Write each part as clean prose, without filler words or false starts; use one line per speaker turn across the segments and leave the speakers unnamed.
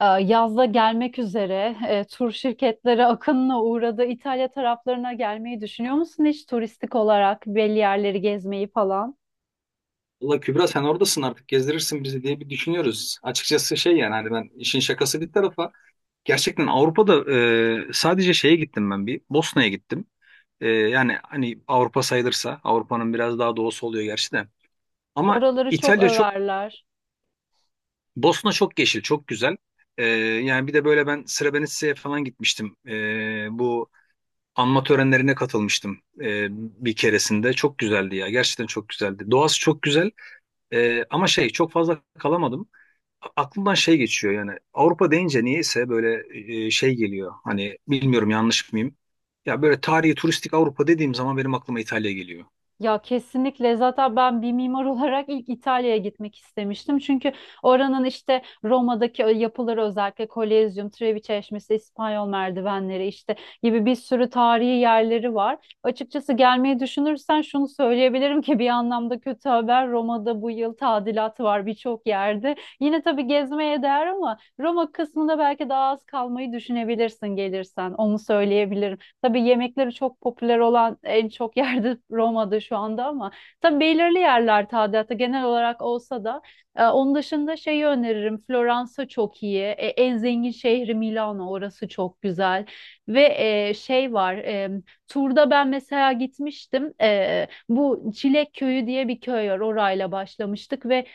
Yazda gelmek üzere tur şirketleri akınına uğradı. İtalya taraflarına gelmeyi düşünüyor musun hiç turistik olarak belli yerleri gezmeyi falan?
Valla Kübra sen oradasın artık gezdirirsin bizi diye bir düşünüyoruz. Açıkçası şey yani hani ben işin şakası bir tarafa gerçekten Avrupa'da, sadece şeye gittim ben bir Bosna'ya gittim. Yani hani Avrupa sayılırsa Avrupa'nın biraz daha doğusu oluyor gerçi de. Ama
Oraları çok
İtalya çok,
överler.
Bosna çok yeşil çok güzel. Yani bir de böyle ben Srebrenica'ya falan gitmiştim. Bu anma törenlerine katılmıştım bir keresinde. Çok güzeldi ya, gerçekten çok güzeldi. Doğası çok güzel. Ama şey, çok fazla kalamadım. Aklımdan şey geçiyor, yani Avrupa deyince niyeyse böyle şey geliyor. Hani bilmiyorum, yanlış mıyım? Ya böyle tarihi turistik Avrupa dediğim zaman benim aklıma İtalya geliyor.
Ya kesinlikle zaten ben bir mimar olarak ilk İtalya'ya gitmek istemiştim. Çünkü oranın işte Roma'daki o yapıları özellikle Kolezyum, Trevi Çeşmesi, İspanyol merdivenleri işte gibi bir sürü tarihi yerleri var. Açıkçası gelmeyi düşünürsen şunu söyleyebilirim ki bir anlamda kötü haber Roma'da bu yıl tadilat var birçok yerde. Yine tabii gezmeye değer ama Roma kısmında belki daha az kalmayı düşünebilirsin gelirsen onu söyleyebilirim. Tabii yemekleri çok popüler olan en çok yerde Roma'da şu anda ama tabii belirli yerler tadilatı genel olarak olsa da onun dışında şeyi öneririm. Floransa çok iyi. En zengin şehri Milano, orası çok güzel. Ve şey var, turda ben mesela gitmiştim. Bu Çilek Köyü diye bir köy var. Orayla başlamıştık ve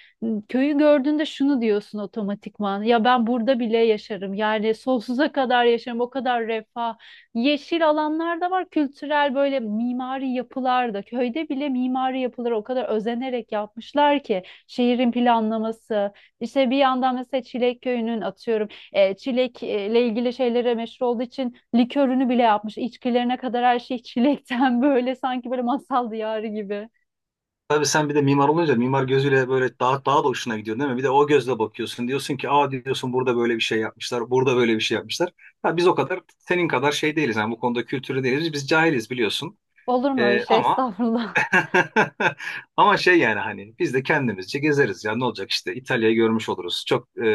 köyü gördüğünde şunu diyorsun otomatikman. Ya ben burada bile yaşarım. Yani sonsuza kadar yaşarım. O kadar refah. Yeşil alanlar da var, kültürel böyle mimari yapılar da. Köyde bile mimari yapıları o kadar özenerek yapmışlar ki şehrin planlaması. İşte bir yandan mesela Çilek Köyü'nün, atıyorum, çilekle ilgili şeylere meşhur olduğu için likörünü bile yapmış. İçkilerine kadar her şey çilekten, böyle sanki böyle masal diyarı gibi.
Tabii sen bir de mimar olunca mimar gözüyle böyle daha da hoşuna gidiyor değil mi? Bir de o gözle bakıyorsun. Diyorsun ki aa, diyorsun burada böyle bir şey yapmışlar. Burada böyle bir şey yapmışlar. Ya biz o kadar senin kadar şey değiliz. Yani bu konuda kültürlü değiliz. Biz cahiliz biliyorsun.
Olur mu öyle şey?
Ama
Estağfurullah.
ama şey yani hani biz de kendimizce gezeriz ya, ne olacak, işte İtalya'yı görmüş oluruz. Çok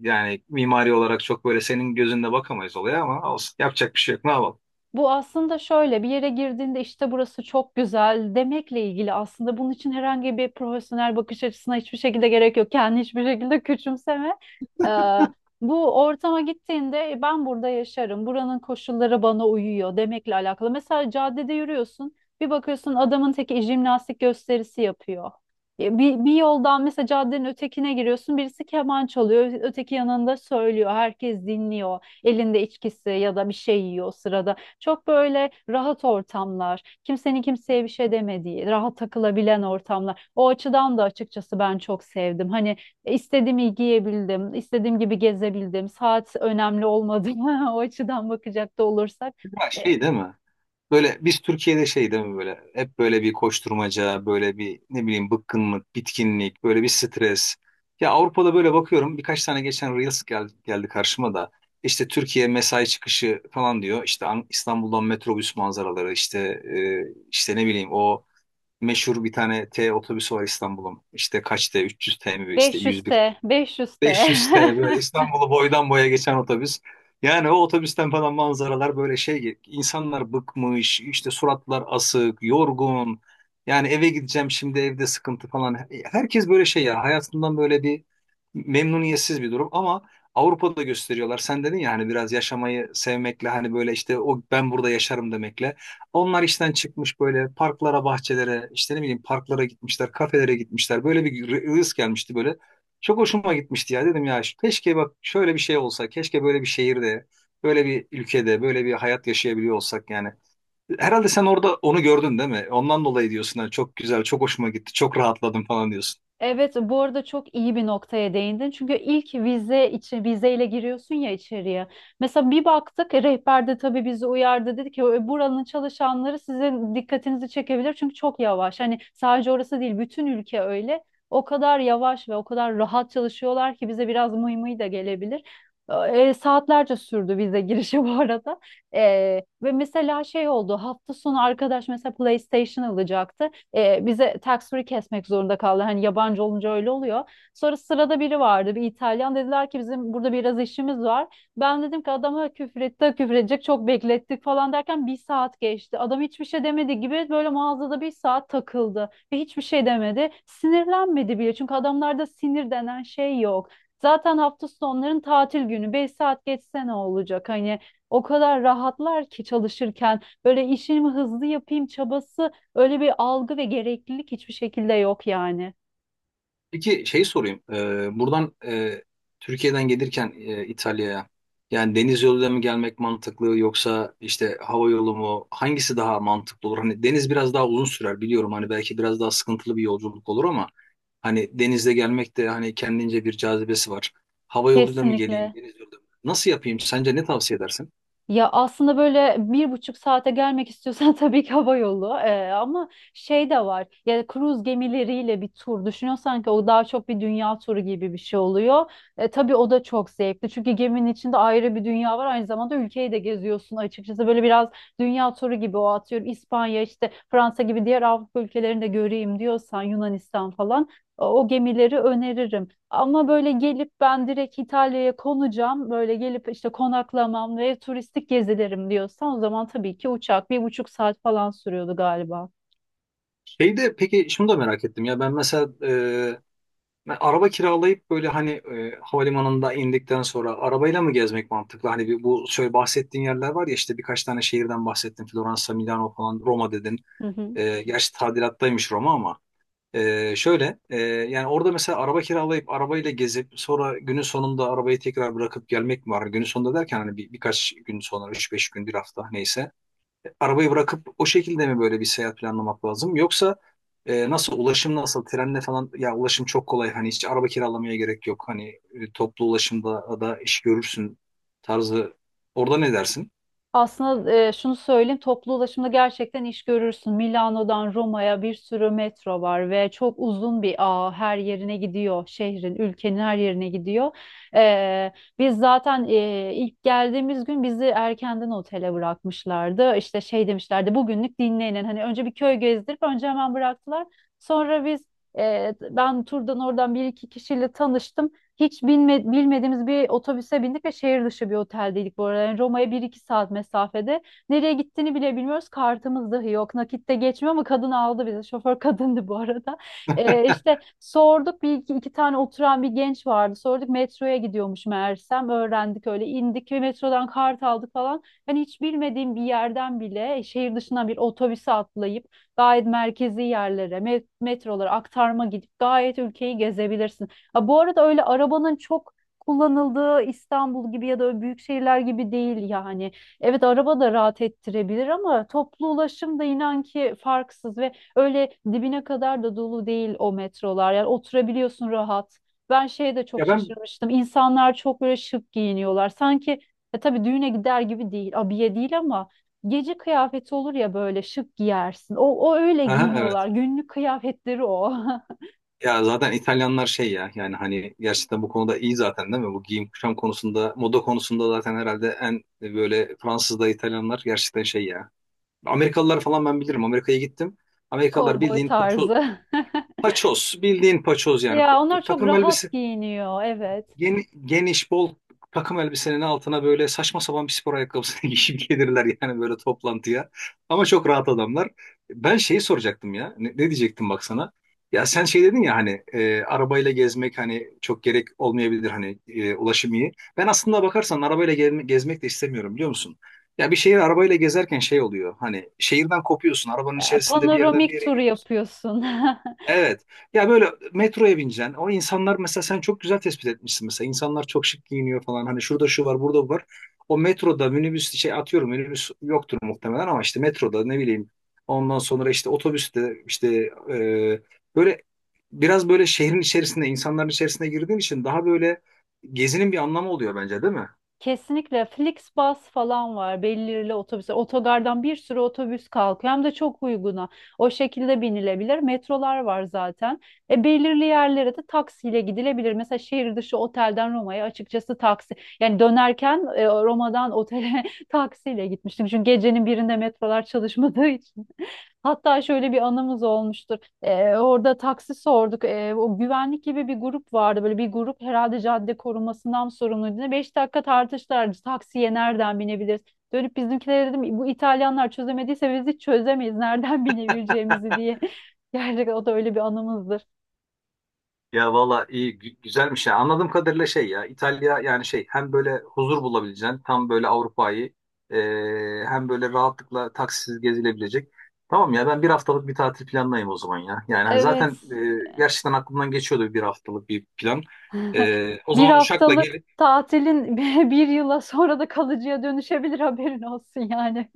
yani mimari olarak çok böyle senin gözünde bakamayız olaya, ama olsun, yapacak bir şey yok, ne yapalım.
Bu aslında şöyle, bir yere girdiğinde işte burası çok güzel demekle ilgili, aslında bunun için herhangi bir profesyonel bakış açısına hiçbir şekilde gerek yok. Kendini hiçbir şekilde küçümseme. Ee, Bu ortama gittiğinde ben burada yaşarım, buranın koşulları bana uyuyor" demekle alakalı. Mesela caddede yürüyorsun, bir bakıyorsun adamın teki jimnastik gösterisi yapıyor. Bir yoldan mesela caddenin ötekine giriyorsun, birisi keman çalıyor, öteki yanında söylüyor, herkes dinliyor, elinde içkisi ya da bir şey yiyor o sırada. Çok böyle rahat ortamlar, kimsenin kimseye bir şey demediği, rahat takılabilen ortamlar. O açıdan da açıkçası ben çok sevdim. Hani istediğimi giyebildim, istediğim gibi gezebildim. Saat önemli olmadı. O açıdan bakacak da olursak.
Ya
E,
şey değil mi? Böyle biz Türkiye'de şey değil mi, böyle hep böyle bir koşturmaca, böyle bir ne bileyim, bıkkınlık, bitkinlik, böyle bir stres. Ya Avrupa'da böyle bakıyorum, birkaç tane geçen Reels geldi karşıma da, işte Türkiye mesai çıkışı falan diyor, işte İstanbul'dan metrobüs manzaraları, işte e, işte ne bileyim o meşhur bir tane T otobüsü var İstanbul'un. İşte kaç T? 300 T mi? İşte 101
500T, 500T.
500 T böyle İstanbul'u boydan boya geçen otobüs. Yani o otobüsten falan manzaralar, böyle şey, insanlar bıkmış, işte suratlar asık, yorgun, yani eve gideceğim şimdi, evde sıkıntı falan, herkes böyle şey ya, hayatından böyle bir memnuniyetsiz bir durum. Ama Avrupa'da gösteriyorlar, sen dedin ya hani biraz yaşamayı sevmekle, hani böyle işte o ben burada yaşarım demekle, onlar işten çıkmış böyle parklara, bahçelere, işte ne bileyim parklara gitmişler, kafelere gitmişler, böyle bir rız gelmişti böyle, çok hoşuma gitmişti ya. Dedim ya keşke, bak şöyle bir şey olsa, keşke böyle bir şehirde, böyle bir ülkede, böyle bir hayat yaşayabiliyor olsak yani. Herhalde sen orada onu gördün değil mi? Ondan dolayı diyorsun ha, çok güzel, çok hoşuma gitti, çok rahatladım falan diyorsun.
Evet, bu arada çok iyi bir noktaya değindin. Çünkü ilk vize için, vizeyle giriyorsun ya içeriye. Mesela bir baktık, rehber de tabii bizi uyardı, dedi ki buranın çalışanları sizin dikkatinizi çekebilir çünkü çok yavaş. Hani sadece orası değil, bütün ülke öyle. O kadar yavaş ve o kadar rahat çalışıyorlar ki bize biraz mıy mıy da gelebilir. Saatlerce sürdü vize girişi bu arada. E, Ve mesela şey oldu, hafta sonu arkadaş mesela PlayStation alacaktı, bize tax free kesmek zorunda kaldı. Hani yabancı olunca öyle oluyor. Sonra sırada biri vardı, bir İtalyan, dediler ki bizim burada biraz işimiz var. Ben dedim ki adama küfür etti, küfür edecek, çok beklettik falan derken bir saat geçti. Adam hiçbir şey demedi, gibi böyle mağazada bir saat takıldı ve hiçbir şey demedi. Sinirlenmedi bile, çünkü adamlarda sinir denen şey yok. Zaten hafta sonların tatil günü, 5 saat geçse ne olacak, hani o kadar rahatlar ki çalışırken böyle işimi hızlı yapayım çabası, öyle bir algı ve gereklilik hiçbir şekilde yok yani.
Peki şey sorayım. Buradan Türkiye'den gelirken İtalya'ya, yani deniz yoluyla mı gelmek mantıklı, yoksa işte hava yolu mu? Hangisi daha mantıklı olur? Hani deniz biraz daha uzun sürer biliyorum. Hani belki biraz daha sıkıntılı bir yolculuk olur, ama hani denizle gelmek de hani kendince bir cazibesi var. Hava yoluyla mı geleyim,
Kesinlikle.
deniz yoluyla mı? Nasıl yapayım? Sence ne tavsiye edersin?
Ya aslında böyle 1,5 saate gelmek istiyorsan tabii ki hava yolu. Ama şey de var. Ya kruz gemileriyle bir tur düşünüyorsan, ki o daha çok bir dünya turu gibi bir şey oluyor. Tabii o da çok zevkli. Çünkü geminin içinde ayrı bir dünya var. Aynı zamanda ülkeyi de geziyorsun açıkçası. Böyle biraz dünya turu gibi o, atıyorum. İspanya işte, Fransa gibi diğer Avrupa ülkelerini de göreyim diyorsan, Yunanistan falan, o gemileri öneririm. Ama böyle gelip ben direkt İtalya'ya konacağım, böyle gelip işte konaklamam ve turistik gezilerim diyorsan, o zaman tabii ki uçak, 1,5 saat falan sürüyordu galiba.
Şeyde peki şunu da merak ettim ya, ben mesela, ben araba kiralayıp böyle hani havalimanında indikten sonra arabayla mı gezmek mantıklı? Hani bu şöyle bahsettiğin yerler var ya, işte birkaç tane şehirden bahsettin. Floransa, Milano falan, Roma dedin.
Hı hı.
Gerçi tadilattaymış Roma ama. Şöyle yani orada mesela araba kiralayıp arabayla gezip sonra günün sonunda arabayı tekrar bırakıp gelmek mi var? Günün sonunda derken hani birkaç gün sonra, üç beş gün, bir hafta, neyse, arabayı bırakıp o şekilde mi böyle bir seyahat planlamak lazım? Yoksa nasıl, ulaşım nasıl, trenle falan ya ulaşım çok kolay, hani hiç araba kiralamaya gerek yok, hani toplu ulaşımda da iş görürsün tarzı, orada ne dersin?
Aslında şunu söyleyeyim, toplu ulaşımda gerçekten iş görürsün. Milano'dan Roma'ya bir sürü metro var ve çok uzun bir ağ, her yerine gidiyor. Şehrin, ülkenin her yerine gidiyor. E, Biz zaten ilk geldiğimiz gün bizi erkenden otele bırakmışlardı. İşte şey demişlerdi, bugünlük dinlenin. Hani önce bir köy gezdirip, önce hemen bıraktılar. Sonra biz, ben turdan oradan bir iki kişiyle tanıştım. Hiç bilmediğimiz bir otobüse bindik ve şehir dışı bir oteldeydik bu arada. Yani Roma'ya bir iki saat mesafede. Nereye gittiğini bile bilmiyoruz. Kartımız dahi yok. Nakitte geçmiyor ama kadın aldı bizi. Şoför kadındı bu arada. İşte sorduk, iki tane oturan bir genç vardı. Sorduk, metroya gidiyormuş meğersem. Öğrendik, öyle indik ve metrodan kart aldık falan. Hani hiç bilmediğim bir yerden bile şehir dışına bir otobüse atlayıp gayet merkezi yerlere, metrolara aktarma gidip gayet ülkeyi gezebilirsin. Ha, bu arada öyle arabanın çok kullanıldığı İstanbul gibi ya da öyle büyük şehirler gibi değil yani. Evet, araba da rahat ettirebilir ama toplu ulaşım da inan ki farksız, ve öyle dibine kadar da dolu değil o metrolar. Yani oturabiliyorsun rahat. Ben şeye de çok
Ya ben,
şaşırmıştım. İnsanlar çok böyle şık giyiniyorlar. Sanki, tabii düğüne gider gibi değil, abiye değil, ama gece kıyafeti olur ya böyle şık giyersin. O öyle
aha,
giyiniyorlar.
evet.
Günlük kıyafetleri o.
Ya zaten İtalyanlar şey ya, yani hani gerçekten bu konuda iyi zaten değil mi? Bu giyim kuşam konusunda, moda konusunda zaten herhalde en böyle Fransız da, İtalyanlar gerçekten şey ya. Amerikalılar falan ben bilirim. Amerika'ya gittim. Amerikalılar
Kovboy
bildiğin paço,
tarzı.
paçoz, bildiğin paçoz yani.
Ya onlar çok
Takım elbise
rahat giyiniyor, evet.
geniş, bol takım elbisenin altına böyle saçma sapan bir spor ayakkabısını giyip gelirler yani böyle toplantıya. Ama çok rahat adamlar. Ben şeyi soracaktım ya. Ne diyecektim bak sana? Ya sen şey dedin ya hani arabayla gezmek hani çok gerek olmayabilir, hani ulaşım iyi. Ben aslında bakarsan arabayla gezmek de istemiyorum, biliyor musun? Ya bir şehir arabayla gezerken şey oluyor. Hani şehirden kopuyorsun. Arabanın içerisinde bir yerden bir
Panoramik
yere
tur
gidiyorsun.
yapıyorsun.
Evet. Ya böyle metroya bineceksin. O insanlar, mesela sen çok güzel tespit etmişsin mesela. İnsanlar çok şık giyiniyor falan. Hani şurada şu var, burada bu var. O metroda minibüs şey atıyorum, minibüs yoktur muhtemelen ama işte metroda ne bileyim. Ondan sonra işte otobüste işte e, böyle biraz böyle şehrin içerisinde, insanların içerisine girdiğin için daha böyle gezinin bir anlamı oluyor bence, değil mi?
Kesinlikle, Flixbus falan var. Belirli otobüsler. Otogardan bir sürü otobüs kalkıyor. Hem de çok uyguna. O şekilde binilebilir. Metrolar var zaten. Belirli yerlere de taksiyle gidilebilir. Mesela şehir dışı otelden Roma'ya açıkçası taksi. Yani dönerken, Roma'dan otele taksiyle gitmiştim. Çünkü gecenin birinde metrolar çalışmadığı için. Hatta şöyle bir anımız olmuştur. Orada taksi sorduk. O güvenlik gibi bir grup vardı. Böyle bir grup herhalde cadde korumasından sorumluydu. Ne, 5 dakika tartıştılar. Taksiye nereden binebiliriz? Dönüp bizimkilere dedim, bu İtalyanlar çözemediyse biz hiç çözemeyiz, nereden binebileceğimizi diye. Gerçekten o da öyle bir anımızdır.
Ya valla iyi, güzelmiş ya. Anladığım kadarıyla şey ya İtalya, yani şey hem böyle huzur bulabileceğin tam böyle Avrupa'yı, e, hem böyle rahatlıkla taksisiz gezilebilecek. Tamam ya, ben bir haftalık bir tatil planlayayım o zaman ya. Yani hani
Evet.
zaten gerçekten aklımdan geçiyordu bir haftalık bir plan. O
Bir
zaman uçakla
haftalık
gelip
tatilin bir yıla, sonra da kalıcıya dönüşebilir, haberin olsun yani.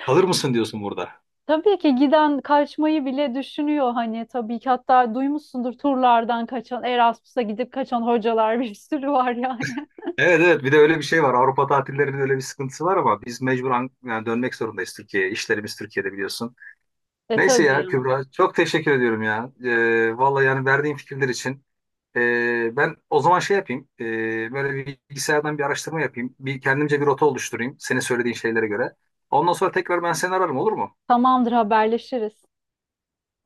kalır mısın diyorsun burada.
Tabii ki giden kaçmayı bile düşünüyor hani, tabii ki, hatta duymuşsundur, turlardan kaçan, Erasmus'a gidip kaçan hocalar bir sürü var yani.
Evet evet, bir de öyle bir şey var. Avrupa tatillerinin öyle bir sıkıntısı var ama biz mecbur, yani dönmek zorundayız Türkiye'ye. İşlerimiz Türkiye'de biliyorsun. Neyse
Tabii
ya
yani.
Kübra, çok teşekkür ediyorum ya. Vallahi yani, verdiğin fikirler için. Ben o zaman şey yapayım, böyle bir bilgisayardan bir araştırma yapayım. Bir kendimce bir rota oluşturayım senin söylediğin şeylere göre. Ondan sonra tekrar ben seni ararım, olur mu?
Tamamdır, haberleşiriz.